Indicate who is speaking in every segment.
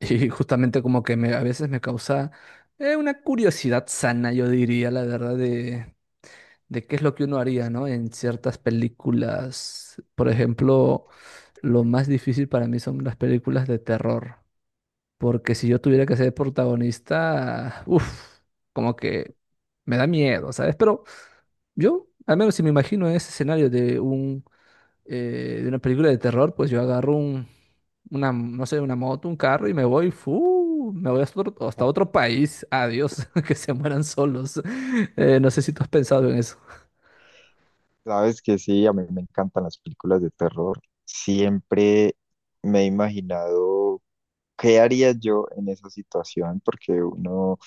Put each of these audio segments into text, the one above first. Speaker 1: Y justamente como que me, a veces me causa una curiosidad sana, yo diría, la verdad, de qué es lo que uno haría, ¿no? En ciertas películas. Por ejemplo, lo más difícil para mí son las películas de terror. Porque si yo tuviera que ser protagonista, uff, como que me da miedo, ¿sabes? Pero yo, al menos si me imagino ese escenario de de una película de terror, pues yo agarro un una, no sé, una moto, un carro y me voy, ¡fu! Me voy hasta hasta otro país. Adiós, que se mueran solos. No sé si tú has pensado en eso.
Speaker 2: Sabes que sí, a mí me encantan las películas de terror. Siempre me he imaginado qué haría yo en esa situación, porque uno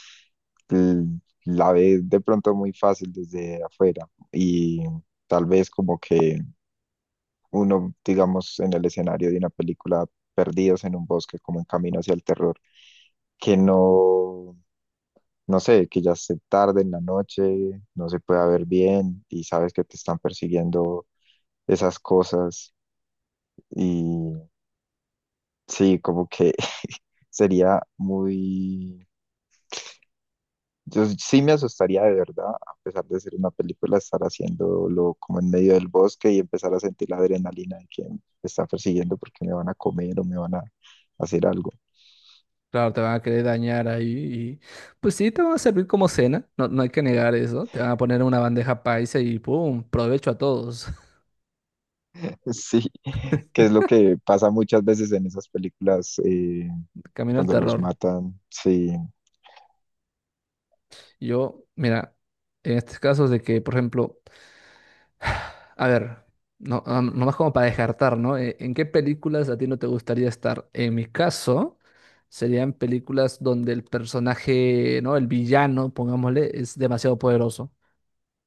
Speaker 2: la ve de pronto muy fácil desde afuera y tal vez como que uno, digamos, en el escenario de una película, perdidos en un bosque, como en camino hacia el terror, que no, no sé, que ya se tarde en la noche, no se puede ver bien y sabes que te están persiguiendo esas cosas. Y sí, como que sería muy... Yo sí me asustaría de verdad, a pesar de ser una película, estar haciéndolo como en medio del bosque y empezar a sentir la adrenalina de que me está persiguiendo porque me van a comer o me van a hacer algo.
Speaker 1: Claro, te van a querer dañar ahí y pues sí, te van a servir como cena, no, no hay que negar eso. Te van a poner una bandeja paisa y ¡pum! Provecho a todos.
Speaker 2: Sí, que es lo que pasa muchas veces en esas películas,
Speaker 1: Camino al
Speaker 2: cuando los
Speaker 1: terror.
Speaker 2: matan. Sí,
Speaker 1: Yo, mira, en estos casos de que, por ejemplo, a ver, nomás como para descartar, ¿no? ¿En qué películas a ti no te gustaría estar? En mi caso, serían películas donde el personaje, ¿no? El villano, pongámosle, es demasiado poderoso,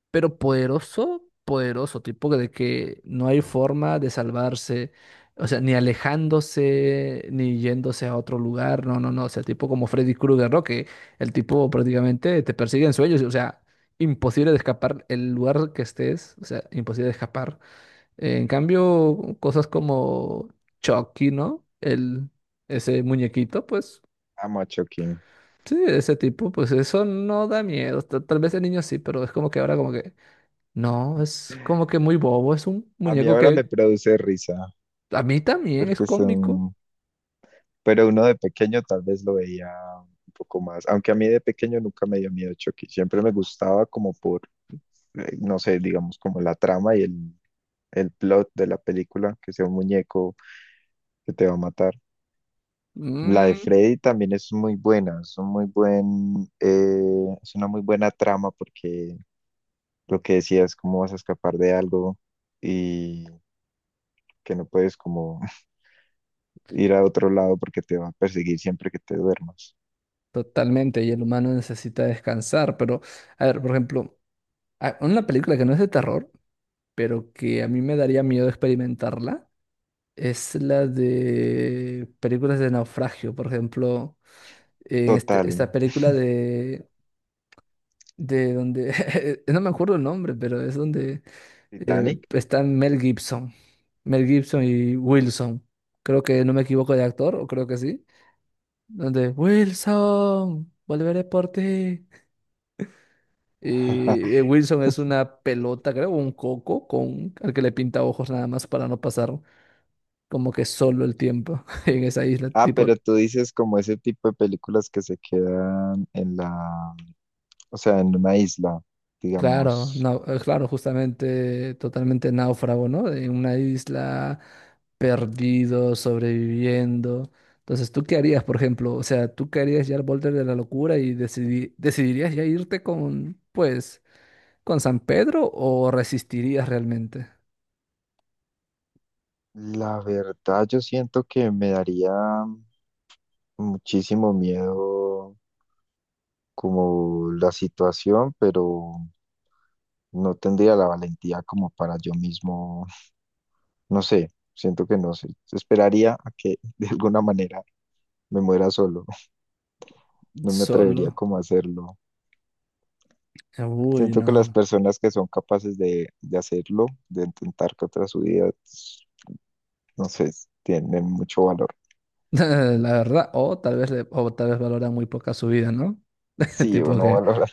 Speaker 1: pero poderoso, poderoso, tipo de que no hay forma de salvarse, o sea, ni alejándose, ni yéndose a otro lugar, no, no, no, o sea, tipo como Freddy Krueger, ¿no? Que el tipo prácticamente te persigue en sueños, o sea, imposible de escapar el lugar que estés, o sea, imposible de escapar. En cambio, cosas como Chucky, ¿no? El, ese muñequito, pues...
Speaker 2: amo a Chucky.
Speaker 1: Sí, ese tipo, pues eso no da miedo. Tal vez el niño sí, pero es como que ahora como que no, es como que muy bobo, es un
Speaker 2: A mí
Speaker 1: muñeco
Speaker 2: ahora me
Speaker 1: que
Speaker 2: produce risa
Speaker 1: a mí también es
Speaker 2: porque
Speaker 1: cómico.
Speaker 2: son, pero uno de pequeño tal vez lo veía un poco más, aunque a mí de pequeño nunca me dio miedo Chucky, siempre me gustaba como por, no sé, digamos como la trama y el plot de la película, que sea un muñeco que te va a matar. La de
Speaker 1: Mm,
Speaker 2: Freddy también es muy buena, es un muy buen, es una muy buena trama porque, lo que decías, cómo vas a escapar de algo y que no puedes como ir a otro lado porque te va a perseguir siempre que te duermas.
Speaker 1: totalmente, y el humano necesita descansar, pero a ver, por ejemplo, una película que no es de terror, pero que a mí me daría miedo experimentarla, es la de películas de naufragio, por ejemplo,
Speaker 2: Total,
Speaker 1: esta película de donde, no me acuerdo el nombre, pero es donde...
Speaker 2: Titanic.
Speaker 1: está Mel Gibson. Mel Gibson y Wilson. Creo que no me equivoco de actor, o creo que sí. Donde Wilson, volveré por ti. Y Wilson es una pelota, creo, un coco con al que le pinta ojos nada más para no pasar como que solo el tiempo en esa isla.
Speaker 2: Ah,
Speaker 1: Tipo,
Speaker 2: pero tú dices como ese tipo de películas que se quedan en la, o sea, en una isla,
Speaker 1: claro,
Speaker 2: digamos.
Speaker 1: claro, justamente totalmente náufrago, ¿no? De una isla perdido, sobreviviendo. Entonces, ¿tú qué harías, por ejemplo? O sea, ¿tú qué harías ya al borde de la locura y decidirías ya irte con, pues, con San Pedro o resistirías realmente
Speaker 2: La verdad, yo siento que me daría muchísimo miedo como la situación, pero no tendría la valentía como para yo mismo, no sé, siento que no sé. Esperaría a que de alguna manera me muera solo. No me atrevería
Speaker 1: solo?
Speaker 2: como a hacerlo.
Speaker 1: Uy,
Speaker 2: Siento
Speaker 1: no,
Speaker 2: que las
Speaker 1: no.
Speaker 2: personas que son capaces de hacerlo, de intentar contra su vida, no sé, tienen mucho valor.
Speaker 1: La verdad, o tal vez, o tal vez valora muy poca su vida, ¿no?
Speaker 2: Sí, o
Speaker 1: Tipo
Speaker 2: no
Speaker 1: que...
Speaker 2: valoran.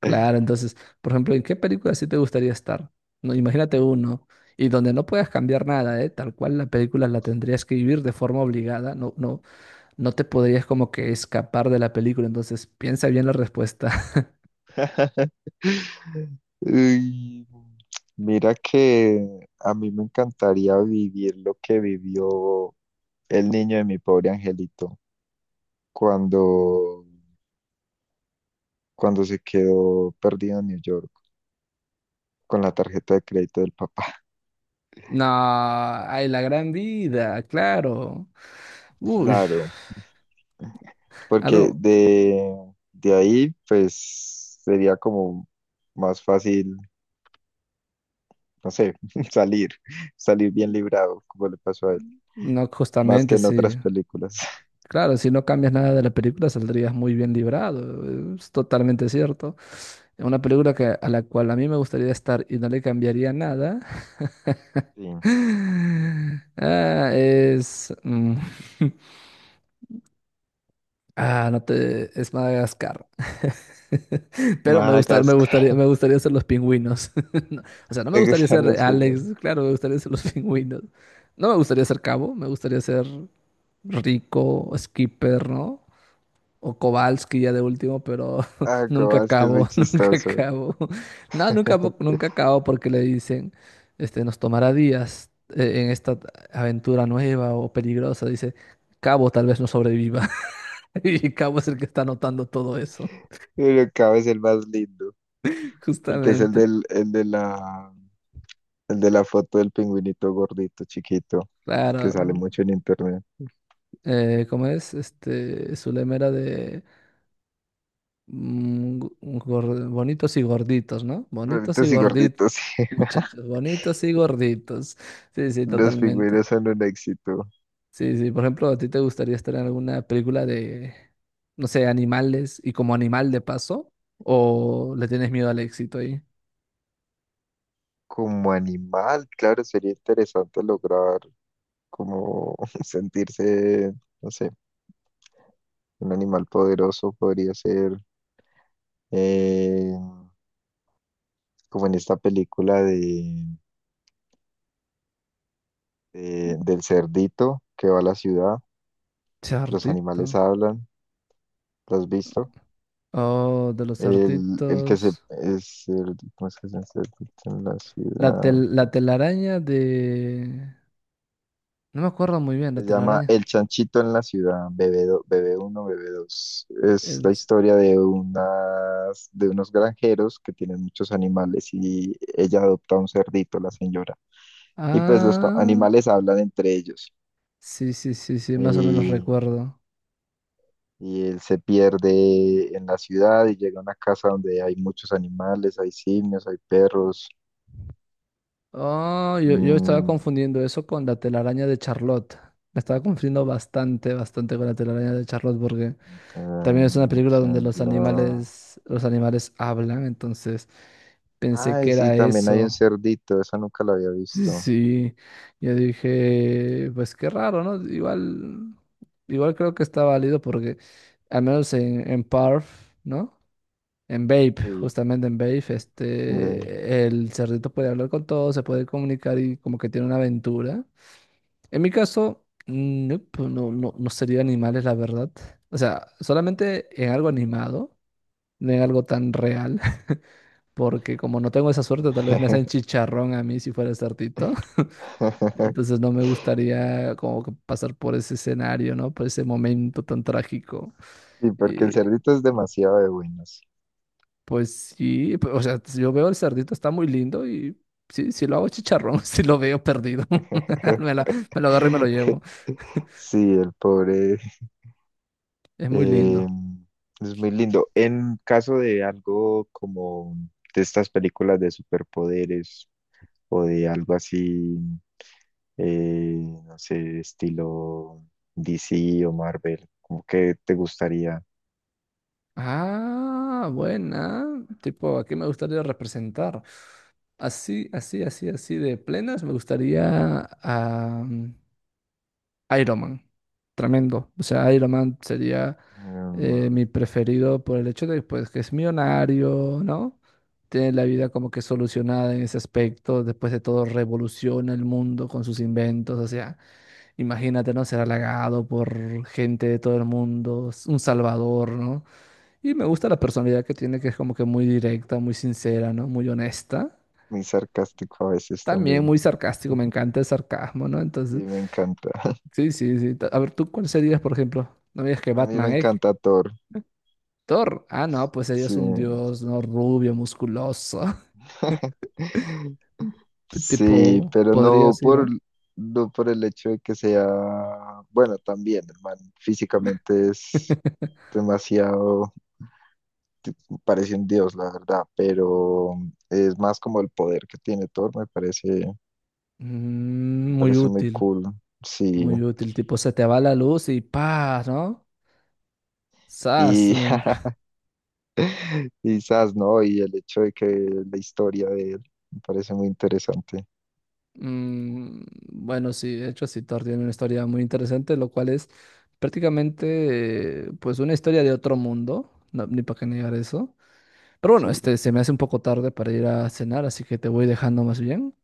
Speaker 1: Claro, entonces, por ejemplo, ¿en qué película sí te gustaría estar? No, imagínate uno, y donde no puedas cambiar nada, ¿eh? Tal cual la película la tendrías que vivir de forma obligada, no, no, no te podrías como que escapar de la película, entonces piensa bien la respuesta.
Speaker 2: Uy, mira que a mí me encantaría vivir lo que vivió el niño de Mi Pobre Angelito cuando, cuando se quedó perdido en New York con la tarjeta de crédito del papá.
Speaker 1: No, ay, la gran vida, claro. Uy,
Speaker 2: Claro. Porque
Speaker 1: algo,
Speaker 2: de ahí pues sería como más fácil, no sé, salir, salir bien librado, como le pasó a él,
Speaker 1: no,
Speaker 2: más
Speaker 1: justamente
Speaker 2: que en
Speaker 1: sí.
Speaker 2: otras películas.
Speaker 1: Claro, si no cambias nada de la película saldrías muy bien librado, es totalmente cierto. Una película que, a la cual a mí me gustaría estar y no le cambiaría nada
Speaker 2: Sí.
Speaker 1: ah, es... mm, ah, no te... es Madagascar. Pero me gusta,
Speaker 2: Madagascar,
Speaker 1: me gustaría ser los pingüinos. No, o sea, no me
Speaker 2: te
Speaker 1: gustaría
Speaker 2: gustan
Speaker 1: ser
Speaker 2: los juegos.
Speaker 1: Alex, claro, me gustaría ser los pingüinos. No me gustaría ser Cabo, me gustaría ser Rico, Skipper, ¿no? O Kowalski ya de último, pero
Speaker 2: Ah,
Speaker 1: nunca
Speaker 2: como es que es muy
Speaker 1: acabo, nunca
Speaker 2: chistoso.
Speaker 1: acabo. No, nunca acabo porque le dicen, este, nos tomará días en esta aventura nueva o peligrosa. Dice, Cabo tal vez no sobreviva. Y Cabo es el que está anotando todo eso.
Speaker 2: Pero Cabo es el más lindo, porque es el
Speaker 1: Justamente.
Speaker 2: del, el de la foto del pingüinito gordito, chiquito, que
Speaker 1: Claro.
Speaker 2: sale mucho en internet.
Speaker 1: ¿Cómo es? Este, su era de mm, gu- bonitos y gorditos, ¿no? Bonitos y
Speaker 2: Gorditos y
Speaker 1: gorditos,
Speaker 2: gorditos,
Speaker 1: muchachos, bonitos y gorditos. Sí, sí,
Speaker 2: los
Speaker 1: totalmente.
Speaker 2: pingüinos son un éxito.
Speaker 1: Sí, sí, por ejemplo, ¿a ti te gustaría estar en alguna película de, no sé, animales y como animal de paso? ¿O le tienes miedo al éxito ahí?
Speaker 2: Como animal, claro, sería interesante lograr como sentirse, no sé, un animal poderoso podría ser, eh, como en esta película de, del cerdito que va a la ciudad, que los
Speaker 1: Chartito.
Speaker 2: animales hablan, ¿lo has visto?
Speaker 1: Oh, de los
Speaker 2: El que se
Speaker 1: artitos.
Speaker 2: es ¿cómo es que se dice? ¿En la ciudad?
Speaker 1: La telaraña de... No me acuerdo muy bien, la
Speaker 2: Se llama El
Speaker 1: telaraña.
Speaker 2: Chanchito en la Ciudad, BB1, BB2. Es la
Speaker 1: El...
Speaker 2: historia de unas, de unos granjeros que tienen muchos animales y ella adopta un cerdito, la señora. Y pues los
Speaker 1: Ah,
Speaker 2: animales hablan entre ellos.
Speaker 1: sí, sí, sí, sí, más o menos
Speaker 2: Y,
Speaker 1: recuerdo.
Speaker 2: y él se pierde en la ciudad y llega a una casa donde hay muchos animales, hay simios, hay perros.
Speaker 1: Oh, yo estaba
Speaker 2: mm,
Speaker 1: confundiendo eso con la telaraña de Charlotte. La estaba confundiendo bastante con la telaraña de Charlotte porque... También es una
Speaker 2: eh,
Speaker 1: película donde
Speaker 2: la-
Speaker 1: los animales hablan, entonces pensé que
Speaker 2: Ay, sí,
Speaker 1: era
Speaker 2: también hay un
Speaker 1: eso.
Speaker 2: cerdito, esa nunca la había
Speaker 1: Sí,
Speaker 2: visto.
Speaker 1: sí. Yo dije, pues qué raro, ¿no? Igual creo que está válido porque al menos en Parf, ¿no? En Babe,
Speaker 2: Sí.
Speaker 1: justamente en Babe, este, el cerdito puede hablar con todos, se puede comunicar y como que tiene una aventura. En mi caso, nope, no, no, no sería animales, la verdad. O sea, solamente en algo animado, no en algo tan real, porque como no tengo esa suerte, tal vez me hacen chicharrón a mí si fuera sartito. Entonces no me gustaría como que pasar por ese escenario, ¿no? Por ese momento tan trágico.
Speaker 2: Sí, porque el
Speaker 1: Y
Speaker 2: cerdito es demasiado de buenos.
Speaker 1: pues sí, o sea, yo veo el cerdito, está muy lindo y sí, sí lo hago chicharrón, si lo veo perdido. Me lo, me lo agarro y me lo llevo.
Speaker 2: Sí, el pobre,
Speaker 1: Es muy
Speaker 2: eh,
Speaker 1: lindo.
Speaker 2: es muy lindo. En caso de algo como de estas películas de superpoderes o de algo así, eh, no sé, estilo DC o Marvel, ¿como que te gustaría?
Speaker 1: Ah, buena. Tipo, ¿aquí me gustaría representar? Así, así, así, así de plenas, me gustaría Iron Man. Tremendo. O sea, Iron Man sería
Speaker 2: Mm,
Speaker 1: mi preferido por el hecho de pues, que es millonario, ¿no? Tiene la vida como que solucionada en ese aspecto. Después de todo, revoluciona el mundo con sus inventos. O sea, imagínate, ¿no? Ser halagado por gente de todo el mundo, un salvador, ¿no? Y me gusta la personalidad que tiene, que es como que muy directa, muy sincera, ¿no? Muy honesta.
Speaker 2: muy sarcástico a veces
Speaker 1: También
Speaker 2: también.
Speaker 1: muy sarcástico, me encanta el sarcasmo, ¿no?
Speaker 2: Sí,
Speaker 1: Entonces.
Speaker 2: me encanta.
Speaker 1: Sí, sí, sí. A ver, ¿tú cuál serías, por ejemplo? No me digas que
Speaker 2: A mí me
Speaker 1: Batman, ¿eh?
Speaker 2: encanta Thor.
Speaker 1: Thor. Ah, no, pues
Speaker 2: Sí,
Speaker 1: serías un dios, ¿no? Rubio, musculoso.
Speaker 2: sí,
Speaker 1: Tipo,
Speaker 2: pero no
Speaker 1: podrías ir,
Speaker 2: por,
Speaker 1: ¿ah?
Speaker 2: no por el hecho de que sea, bueno, también, el man físicamente es demasiado, parece un dios, la verdad, pero es más como el poder que tiene Thor,
Speaker 1: Mm,
Speaker 2: me
Speaker 1: muy
Speaker 2: parece muy
Speaker 1: útil,
Speaker 2: cool, sí.
Speaker 1: muy útil. Tipo, se te va la luz y ¡pah! ¿No? ¡Sas!
Speaker 2: Y
Speaker 1: Mm,
Speaker 2: quizás, ¿no? Y el hecho de que la historia de él me parece muy interesante.
Speaker 1: mm, bueno, sí, de hecho, sí, Thor tiene una historia muy interesante, lo cual es prácticamente, pues, una historia de otro mundo. No, ni para qué negar eso. Pero bueno,
Speaker 2: Sí,
Speaker 1: este se me hace un poco tarde para ir a cenar, así que te voy dejando más bien.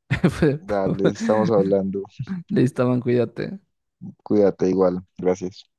Speaker 2: dale, estamos hablando.
Speaker 1: Listo, man, cuídate.
Speaker 2: Cuídate igual. Gracias.